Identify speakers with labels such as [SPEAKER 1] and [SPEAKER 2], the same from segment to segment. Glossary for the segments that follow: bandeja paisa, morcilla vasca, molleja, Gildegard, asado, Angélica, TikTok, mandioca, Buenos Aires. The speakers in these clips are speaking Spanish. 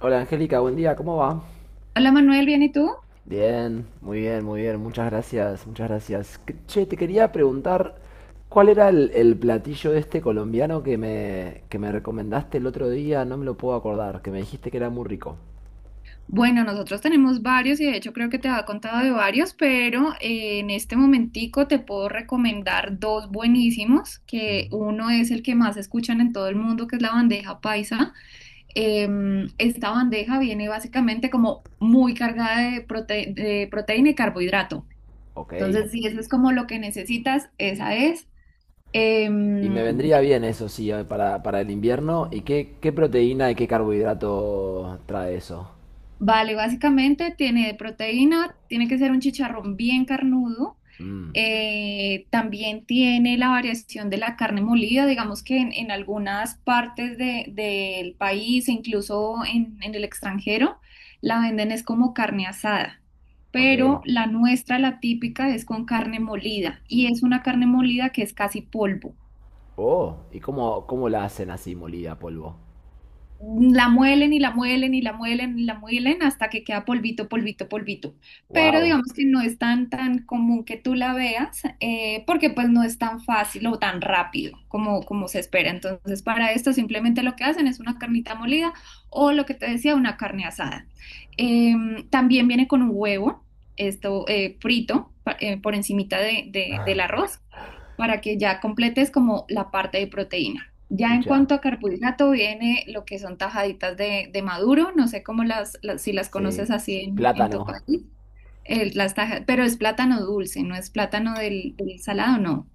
[SPEAKER 1] Hola Angélica, buen día, ¿cómo va?
[SPEAKER 2] Hola Manuel, ¿bien y tú?
[SPEAKER 1] Bien, muy bien, muy bien, muchas gracias, muchas gracias. Che, te quería preguntar, ¿cuál era el platillo este colombiano que que me recomendaste el otro día? No me lo puedo acordar, que me dijiste que era muy rico.
[SPEAKER 2] Bueno, nosotros tenemos varios y de hecho creo que te había contado de varios, pero en este momentico te puedo recomendar dos buenísimos, que uno es el que más escuchan en todo el mundo, que es la bandeja paisa. Esta bandeja viene básicamente como muy cargada de, de proteína y carbohidrato.
[SPEAKER 1] Ok.
[SPEAKER 2] Entonces, si eso es como lo que necesitas, esa es.
[SPEAKER 1] Y
[SPEAKER 2] Em,
[SPEAKER 1] me vendría bien eso, sí, para el invierno. ¿Y qué, qué proteína y qué carbohidrato trae eso?
[SPEAKER 2] vale, Básicamente tiene proteína, tiene que ser un chicharrón bien carnudo.
[SPEAKER 1] Mmm,
[SPEAKER 2] También tiene la variación de la carne molida, digamos que en algunas partes del país, e incluso en el extranjero, la venden es como carne asada,
[SPEAKER 1] ok.
[SPEAKER 2] pero la nuestra, la típica, es con carne molida y es una carne molida que es casi polvo.
[SPEAKER 1] Oh, ¿y cómo, cómo la hacen así molida a polvo?
[SPEAKER 2] La muelen y la muelen y la muelen y la muelen hasta que queda polvito, polvito, polvito. Pero
[SPEAKER 1] Wow,
[SPEAKER 2] digamos que no es tan, tan común que tú la veas porque pues no es tan fácil o tan rápido como se espera. Entonces para esto simplemente lo que hacen es una carnita molida o lo que te decía, una carne asada. También viene con un huevo, esto por encimita del arroz para que ya completes como la parte de proteína. Ya en
[SPEAKER 1] pucha.
[SPEAKER 2] cuanto a carbohidrato viene lo que son tajaditas de maduro, no sé cómo las, si las
[SPEAKER 1] Sí.
[SPEAKER 2] conoces así en tu
[SPEAKER 1] Plátano.
[SPEAKER 2] país. Pero es plátano dulce, no es plátano del, del salado, no.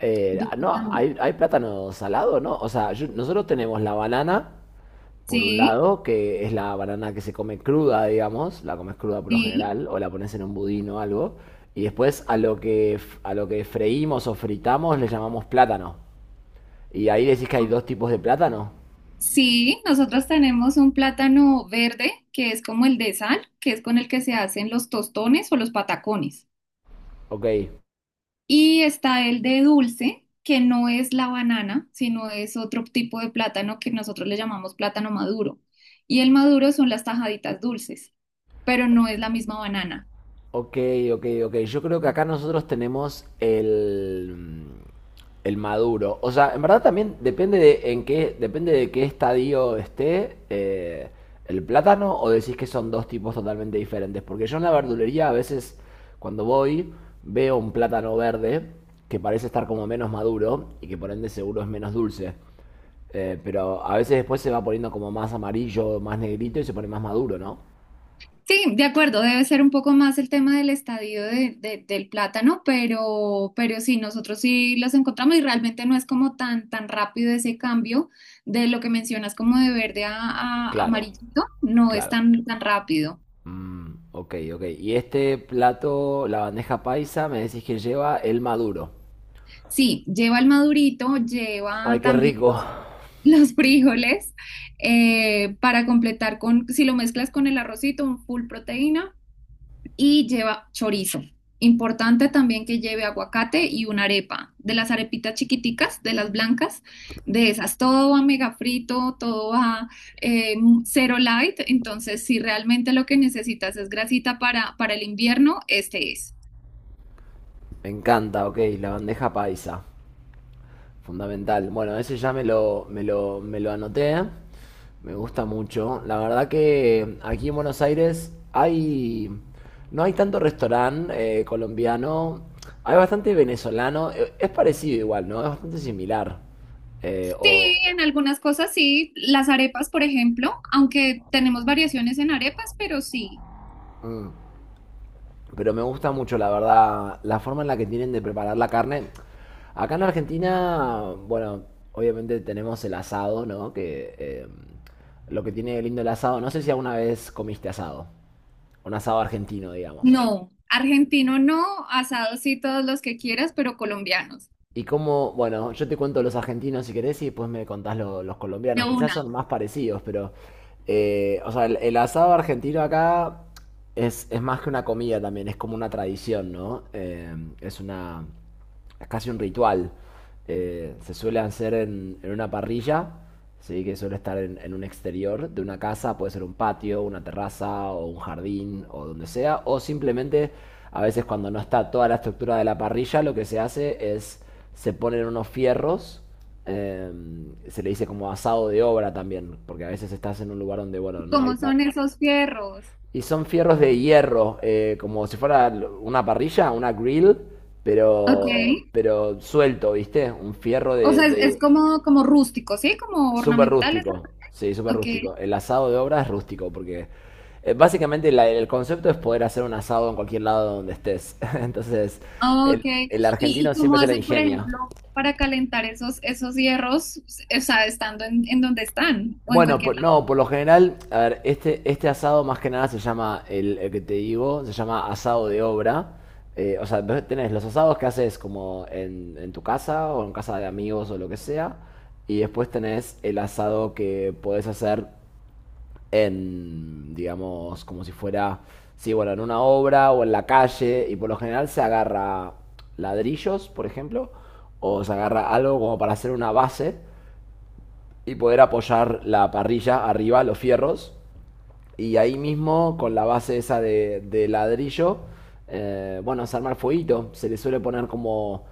[SPEAKER 2] Digo,
[SPEAKER 1] No,
[SPEAKER 2] tam-
[SPEAKER 1] hay plátano salado, ¿no? O sea, nosotros tenemos la banana, por un
[SPEAKER 2] Sí,
[SPEAKER 1] lado, que es la banana que se come cruda, digamos, la comes cruda por lo
[SPEAKER 2] sí.
[SPEAKER 1] general, o la pones en un budín o algo, y después a lo que, a lo que freímos o fritamos le llamamos plátano. Y ahí decís que hay dos tipos de plátano.
[SPEAKER 2] Sí, nosotros tenemos un plátano verde que es como el de sal, que es con el que se hacen los tostones o los patacones.
[SPEAKER 1] Ok,
[SPEAKER 2] Y está el de dulce, que no es la banana, sino es otro tipo de plátano que nosotros le llamamos plátano maduro. Y el maduro son las tajaditas dulces, pero no es la misma banana.
[SPEAKER 1] ok, ok, ok. Yo creo que acá nosotros tenemos el maduro. O sea, en verdad también depende de en qué, depende de qué estadio esté el plátano, o decís que son dos tipos totalmente diferentes. Porque yo en la verdulería a veces cuando voy veo un plátano verde que parece estar como menos maduro y que por ende seguro es menos dulce. Pero a veces después se va poniendo como más amarillo, más negrito y se pone más maduro, ¿no?
[SPEAKER 2] Sí, de acuerdo, debe ser un poco más el tema del estadio del plátano, pero sí, nosotros sí los encontramos y realmente no es como tan, tan rápido ese cambio de lo que mencionas como de verde a
[SPEAKER 1] Claro,
[SPEAKER 2] amarillito, no es
[SPEAKER 1] claro.
[SPEAKER 2] tan, tan rápido.
[SPEAKER 1] Mm, ok, ok. Y este plato, la bandeja paisa, me decís que lleva el maduro.
[SPEAKER 2] Sí, lleva el madurito,
[SPEAKER 1] Ay,
[SPEAKER 2] lleva
[SPEAKER 1] qué
[SPEAKER 2] también
[SPEAKER 1] rico.
[SPEAKER 2] los los frijoles para completar con, si lo mezclas con el arrocito, un full proteína y lleva chorizo. Importante también que lleve aguacate y una arepa, de las arepitas chiquiticas, de las blancas, de esas. Todo va mega frito, todo va eh, cero light, entonces si realmente lo que necesitas es grasita para el invierno, este es.
[SPEAKER 1] Me encanta, ok, la bandeja paisa. Fundamental. Bueno, ese ya me me lo anoté. Me gusta mucho. La verdad que aquí en Buenos Aires hay... No hay tanto restaurante colombiano. Hay bastante venezolano. Es parecido igual, ¿no? Es bastante similar. Eh,
[SPEAKER 2] Sí,
[SPEAKER 1] o...
[SPEAKER 2] en algunas cosas sí. Las arepas, por ejemplo, aunque tenemos variaciones en arepas, pero sí.
[SPEAKER 1] mm. Pero me gusta mucho, la verdad, la forma en la que tienen de preparar la carne. Acá en Argentina, bueno, obviamente tenemos el asado, ¿no? Que Lo que tiene de lindo el asado, no sé si alguna vez comiste asado, un asado argentino, digamos.
[SPEAKER 2] No, argentino no, asado sí todos los que quieras, pero colombianos,
[SPEAKER 1] Y cómo, bueno, yo te cuento los argentinos si querés y después me contás los
[SPEAKER 2] de
[SPEAKER 1] colombianos. Quizás
[SPEAKER 2] una.
[SPEAKER 1] son más parecidos, pero, o sea, el asado argentino acá es más que una comida también, es como una tradición, ¿no? Es una, es casi un ritual se suele hacer en una parrilla, ¿sí? Que suele estar en un exterior de una casa, puede ser un patio, una terraza o un jardín o donde sea, o simplemente a veces cuando no está toda la estructura de la parrilla, lo que se hace es se ponen unos fierros, eh, se le dice como asado de obra también, porque a veces estás en un lugar donde, bueno, no hay...
[SPEAKER 2] ¿Cómo son esos fierros?
[SPEAKER 1] y son fierros de hierro, como si fuera una parrilla, una grill,
[SPEAKER 2] Ok.
[SPEAKER 1] pero suelto, ¿viste? Un fierro
[SPEAKER 2] O sea, es
[SPEAKER 1] de-
[SPEAKER 2] como, como rústico, ¿sí? Como
[SPEAKER 1] Súper
[SPEAKER 2] ornamentales.
[SPEAKER 1] rústico. Sí, súper
[SPEAKER 2] Ok.
[SPEAKER 1] rústico. El asado de obra es rústico, porque básicamente el concepto es poder hacer un asado en cualquier lado donde estés. Entonces,
[SPEAKER 2] Ok.
[SPEAKER 1] el
[SPEAKER 2] ¿ y
[SPEAKER 1] argentino
[SPEAKER 2] cómo
[SPEAKER 1] siempre se la
[SPEAKER 2] hacen, por
[SPEAKER 1] ingenia.
[SPEAKER 2] ejemplo, para calentar esos, esos hierros, o sea, estando en donde están o en
[SPEAKER 1] Bueno,
[SPEAKER 2] cualquier lado?
[SPEAKER 1] no, por lo general, a ver, este asado más que nada se llama, el que te digo, se llama asado de obra. O sea, vos tenés los asados que haces como en tu casa o en casa de amigos o lo que sea. Y después tenés el asado que podés hacer en, digamos, como si fuera, sí, bueno, en una obra o en la calle. Y por lo general se agarra ladrillos, por ejemplo, o se agarra algo como para hacer una base y poder apoyar la parrilla arriba, los fierros. Y ahí mismo, con la base esa de ladrillo, bueno, se arma el fueguito. Se le suele poner como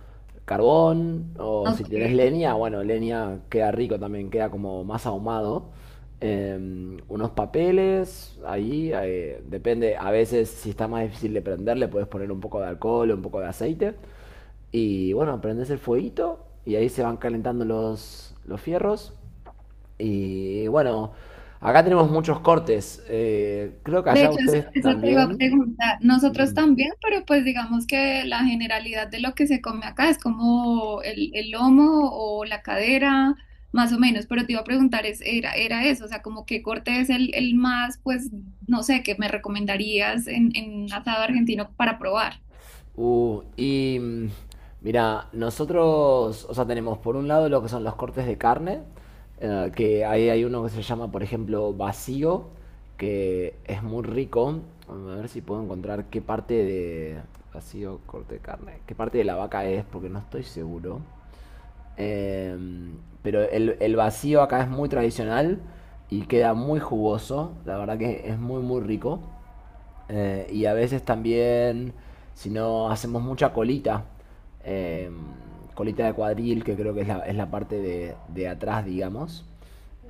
[SPEAKER 1] carbón o si
[SPEAKER 2] Ok.
[SPEAKER 1] tenés leña, bueno, leña queda rico también, queda como más ahumado. Unos papeles, ahí depende, a veces si está más difícil de prender, le puedes poner un poco de alcohol o un poco de aceite. Y bueno, prendes el fueguito y ahí se van calentando los fierros. Y bueno, acá tenemos muchos cortes. Creo que
[SPEAKER 2] De
[SPEAKER 1] allá
[SPEAKER 2] hecho, eso,
[SPEAKER 1] ustedes
[SPEAKER 2] eso te iba a
[SPEAKER 1] también.
[SPEAKER 2] preguntar. Nosotros
[SPEAKER 1] Mm.
[SPEAKER 2] también, pero pues digamos que la generalidad de lo que se come acá es como el lomo o la cadera, más o menos. Pero te iba a preguntar, es, era, era eso, o sea, como qué corte es el más, pues, no sé, que me recomendarías en un asado argentino para probar.
[SPEAKER 1] Uh, y mm, Mira, nosotros, o sea, tenemos por un lado lo que son los cortes de carne, que ahí hay uno que se llama, por ejemplo, vacío, que es muy rico. A ver si puedo encontrar qué parte de vacío, corte de carne, qué parte de la vaca es, porque no estoy seguro. Eh, pero el vacío acá es muy tradicional y queda muy jugoso. La verdad que es muy, muy rico. Y a veces también, si no hacemos mucha colita, eh, colita de cuadril, que creo que es la parte de atrás, digamos.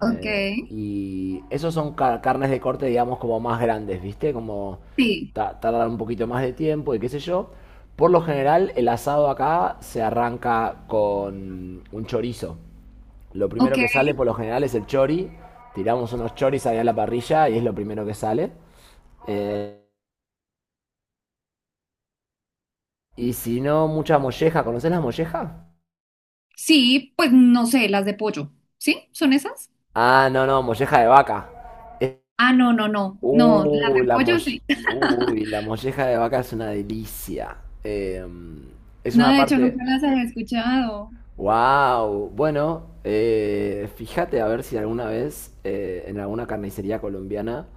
[SPEAKER 2] Ok,
[SPEAKER 1] Y esos son carnes de corte, digamos, como más grandes, ¿viste? Como
[SPEAKER 2] sí,
[SPEAKER 1] tardan un poquito más de tiempo y qué sé yo. Por lo general, el asado acá se arranca con un chorizo. Lo
[SPEAKER 2] ok.
[SPEAKER 1] primero que sale por lo general es el chori. Tiramos unos choris ahí a la parrilla y es lo primero que sale. Y si no, mucha molleja. ¿Conoces la molleja?
[SPEAKER 2] Sí, pues no sé, las de pollo. ¿Sí? ¿Son esas?
[SPEAKER 1] Ah, no, no, molleja de vaca.
[SPEAKER 2] Ah, no, no, no, no, las
[SPEAKER 1] Uh,
[SPEAKER 2] de
[SPEAKER 1] la
[SPEAKER 2] pollo
[SPEAKER 1] molle-
[SPEAKER 2] sí.
[SPEAKER 1] Uy, la molleja de vaca es una delicia. Eh, es
[SPEAKER 2] No,
[SPEAKER 1] una
[SPEAKER 2] de hecho,
[SPEAKER 1] parte...
[SPEAKER 2] nunca las había escuchado.
[SPEAKER 1] Wow. Bueno, fíjate a ver si alguna vez en alguna carnicería colombiana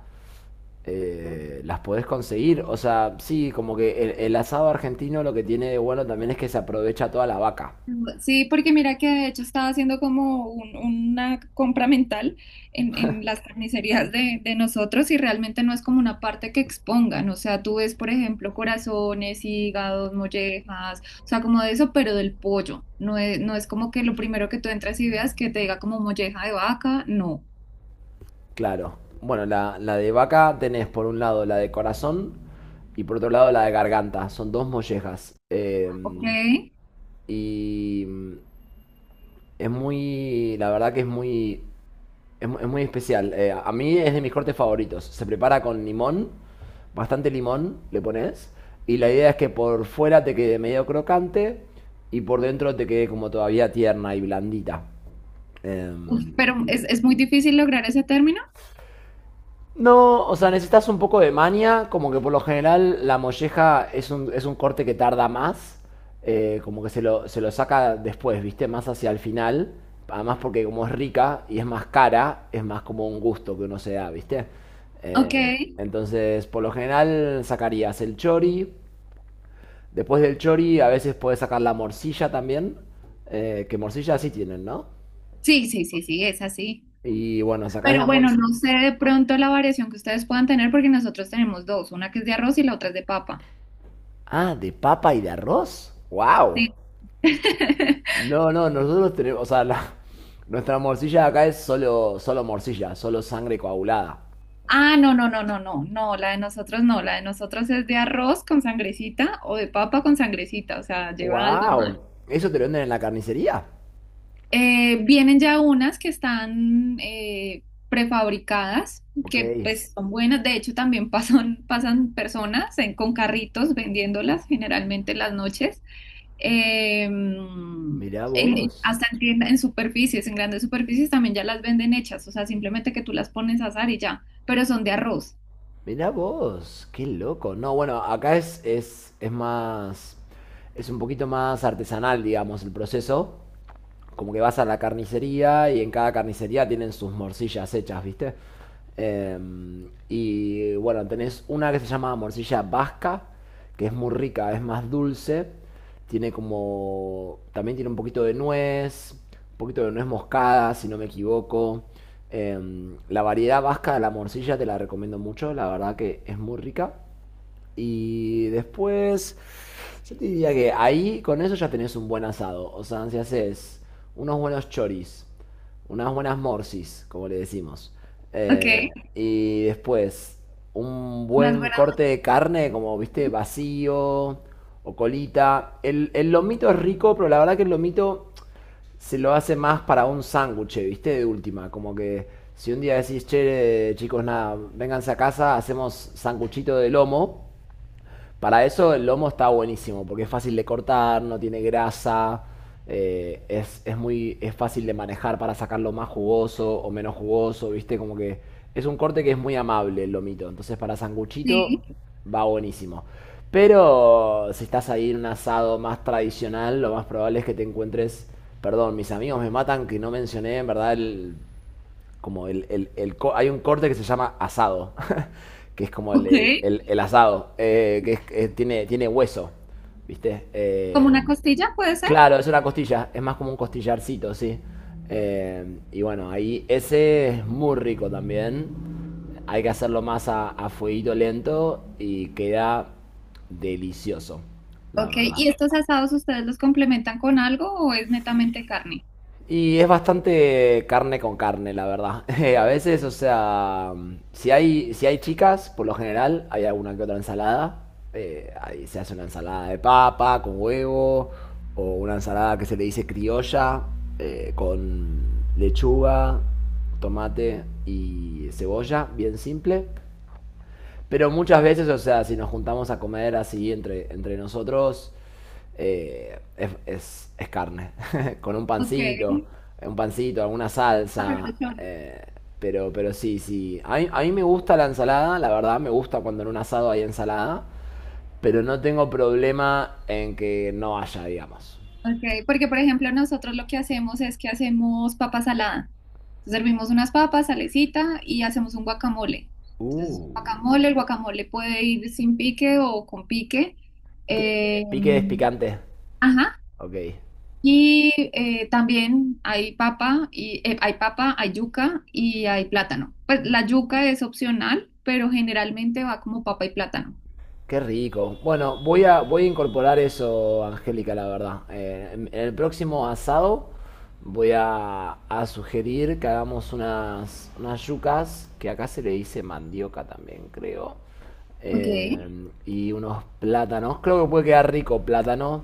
[SPEAKER 1] las podés conseguir. O sea, sí, como que el asado argentino lo que tiene de bueno también es que se aprovecha toda la vaca.
[SPEAKER 2] Sí, porque mira que de hecho estaba haciendo como una compra mental en las carnicerías de nosotros y realmente no es como una parte que expongan, o sea, tú ves, por ejemplo, corazones, hígados, mollejas, o sea, como de eso, pero del pollo, no es, no es como que lo primero que tú entras y veas que te diga como molleja de vaca, no,
[SPEAKER 1] Claro. Bueno, la de vaca tenés por un lado la de corazón y por otro lado la de garganta. Son dos mollejas.
[SPEAKER 2] ok.
[SPEAKER 1] Y mm, es muy, la verdad que es muy, es muy especial. A mí es de mis cortes favoritos. Se prepara con limón, bastante limón le pones. Y la idea es que por fuera te quede medio crocante y por dentro te quede como todavía tierna y blandita.
[SPEAKER 2] Uf,
[SPEAKER 1] Em,
[SPEAKER 2] pero es muy difícil lograr ese término,
[SPEAKER 1] No, o sea, necesitas un poco de maña, como que por lo general la molleja es un corte que tarda más, como que se lo saca después, ¿viste? Más hacia el final, además porque como es rica y es más cara, es más como un gusto que uno se da, ¿viste?
[SPEAKER 2] ok,
[SPEAKER 1] Eh, entonces, por lo general sacarías el chori, después del chori a veces puedes sacar la morcilla también, que morcilla sí tienen, ¿no?
[SPEAKER 2] sí, sí, sí, sí, es así.
[SPEAKER 1] Y bueno, sacás la
[SPEAKER 2] Pero bueno,
[SPEAKER 1] morcilla...
[SPEAKER 2] no sé de pronto la variación que ustedes puedan tener porque nosotros tenemos dos, una que es de arroz y la otra es de papa.
[SPEAKER 1] Ah, de papa y de arroz, wow.
[SPEAKER 2] Sí.
[SPEAKER 1] No, no, nosotros tenemos, o sea, nuestra morcilla de acá es solo, solo morcilla, solo sangre coagulada.
[SPEAKER 2] Ah, no, no, no, no, no, no, la de nosotros no, la de nosotros es de arroz con sangrecita o de papa con sangrecita, o sea, lleva algo más.
[SPEAKER 1] ¡Wow! ¿Eso te lo venden en la carnicería?
[SPEAKER 2] Vienen ya unas que están prefabricadas,
[SPEAKER 1] Ok.
[SPEAKER 2] que pues son buenas, de hecho también pasan, pasan personas con carritos vendiéndolas generalmente en las noches.
[SPEAKER 1] Mirá
[SPEAKER 2] Sí. en-
[SPEAKER 1] vos,
[SPEAKER 2] hasta en tienda- en superficies, en grandes superficies también ya las venden hechas, o sea, simplemente que tú las pones a asar y ya, pero son de arroz,
[SPEAKER 1] mirá vos, qué loco. No, bueno, acá es más, es un poquito más artesanal, digamos, el proceso. Como que vas a la carnicería y en cada carnicería tienen sus morcillas hechas, ¿viste? Eh, y bueno, tenés una que se llama morcilla vasca, que es muy rica, es más dulce, tiene como, también tiene un poquito de nuez, un poquito de nuez moscada, si no me equivoco. Eh, la variedad vasca de la morcilla te la recomiendo mucho, la verdad que es muy rica. Y después, yo te diría que ahí con eso ya tenés un buen asado. O sea, si haces unos buenos choris, unas buenas morsis, como le decimos.
[SPEAKER 2] ¿ok?
[SPEAKER 1] eh, y después un
[SPEAKER 2] Unas
[SPEAKER 1] buen
[SPEAKER 2] buenas,
[SPEAKER 1] corte de carne, como viste, vacío o colita. El lomito es rico, pero la verdad que el lomito se lo hace más para un sándwich, ¿viste? De última, como que si un día decís, che, chicos, nada, vénganse a casa, hacemos sanguchito de lomo, para eso el lomo está buenísimo, porque es fácil de cortar, no tiene grasa, es muy, es fácil de manejar para sacarlo más jugoso o menos jugoso, ¿viste? Como que es un corte que es muy amable el lomito. Entonces para sanguchito
[SPEAKER 2] sí,
[SPEAKER 1] va buenísimo. Pero si estás ahí en un asado más tradicional, lo más probable es que te encuentres... Perdón, mis amigos me matan que no mencioné en verdad el como el hay un corte que se llama asado, que es como
[SPEAKER 2] ¿ok?
[SPEAKER 1] el asado, tiene, tiene hueso, ¿viste?
[SPEAKER 2] Como una costilla puede ser,
[SPEAKER 1] Claro, es una costilla, es más como un costillarcito, sí. Y bueno, ahí ese es muy rico también. Hay que hacerlo más a fueguito lento y queda delicioso, la
[SPEAKER 2] ¿ok?
[SPEAKER 1] verdad.
[SPEAKER 2] ¿Y estos asados ustedes los complementan con algo o es netamente carne?
[SPEAKER 1] Y es bastante carne con carne, la verdad. A veces, o sea, si hay, si hay chicas, por lo general hay alguna que otra ensalada. Ahí se hace una ensalada de papa con huevo, o una ensalada que se le dice criolla, con lechuga, tomate y cebolla, bien simple. Pero muchas veces, o sea, si nos juntamos a comer así entre, entre nosotros, es carne. Con
[SPEAKER 2] Ok,
[SPEAKER 1] un pancito, alguna
[SPEAKER 2] ah, pero
[SPEAKER 1] salsa.
[SPEAKER 2] de chorizo.
[SPEAKER 1] Pero sí, sí. A mí me gusta la ensalada, la verdad, me gusta cuando en un asado hay ensalada. Pero no tengo problema en que no haya, digamos.
[SPEAKER 2] Ok, porque por ejemplo nosotros lo que hacemos es que hacemos papa salada. Entonces, servimos unas papas, salecita y hacemos un guacamole. Entonces,
[SPEAKER 1] Uh.
[SPEAKER 2] guacamole, el guacamole puede ir sin pique o con pique.
[SPEAKER 1] ¿Qué?
[SPEAKER 2] Eh,
[SPEAKER 1] ¿Pique es picante?
[SPEAKER 2] ajá.
[SPEAKER 1] Ok.
[SPEAKER 2] Y hay papa, hay yuca y hay plátano. Pues la yuca es opcional, pero generalmente va como papa y plátano.
[SPEAKER 1] Qué rico. Bueno, voy a, voy a incorporar eso, Angélica, la verdad. En el próximo asado voy a sugerir que hagamos unas, unas yucas, que acá se le dice mandioca también, creo.
[SPEAKER 2] Ok.
[SPEAKER 1] Y unos plátanos. Creo que puede quedar rico plátano.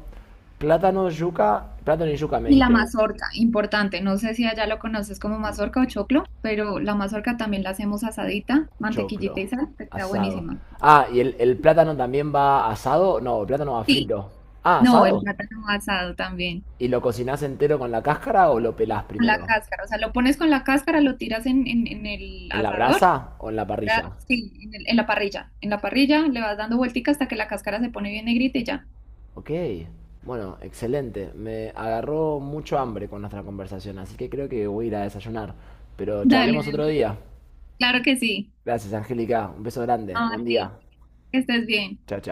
[SPEAKER 1] Plátano, yuca. Plátano y yuca me
[SPEAKER 2] Y la
[SPEAKER 1] dijiste.
[SPEAKER 2] mazorca, importante, no sé si allá lo conoces como mazorca o choclo, pero la mazorca también la hacemos asadita,
[SPEAKER 1] Choclo.
[SPEAKER 2] mantequillita y sal, te queda
[SPEAKER 1] Asado.
[SPEAKER 2] buenísima.
[SPEAKER 1] Ah, ¿y el plátano también va asado? No, el plátano va
[SPEAKER 2] Sí,
[SPEAKER 1] frito. Ah,
[SPEAKER 2] no, el
[SPEAKER 1] asado.
[SPEAKER 2] plátano asado también,
[SPEAKER 1] ¿Y lo cocinás entero con la cáscara o lo pelás
[SPEAKER 2] con la
[SPEAKER 1] primero?
[SPEAKER 2] cáscara, o sea, lo pones con la cáscara, lo tiras en el
[SPEAKER 1] ¿En la
[SPEAKER 2] asador,
[SPEAKER 1] brasa o en la parrilla?
[SPEAKER 2] ¿verdad? Sí, en la parrilla le vas dando vueltica hasta que la cáscara se pone bien negrita y ya.
[SPEAKER 1] Ok, bueno, excelente. Me agarró mucho hambre con nuestra conversación, así que creo que voy a ir a desayunar. Pero
[SPEAKER 2] Dale,
[SPEAKER 1] charlemos
[SPEAKER 2] Deu,
[SPEAKER 1] otro día.
[SPEAKER 2] claro que sí,
[SPEAKER 1] Gracias, Angélica. Un beso
[SPEAKER 2] no,
[SPEAKER 1] grande. Buen
[SPEAKER 2] a
[SPEAKER 1] día.
[SPEAKER 2] ti, que estés bien.
[SPEAKER 1] Chao, chao.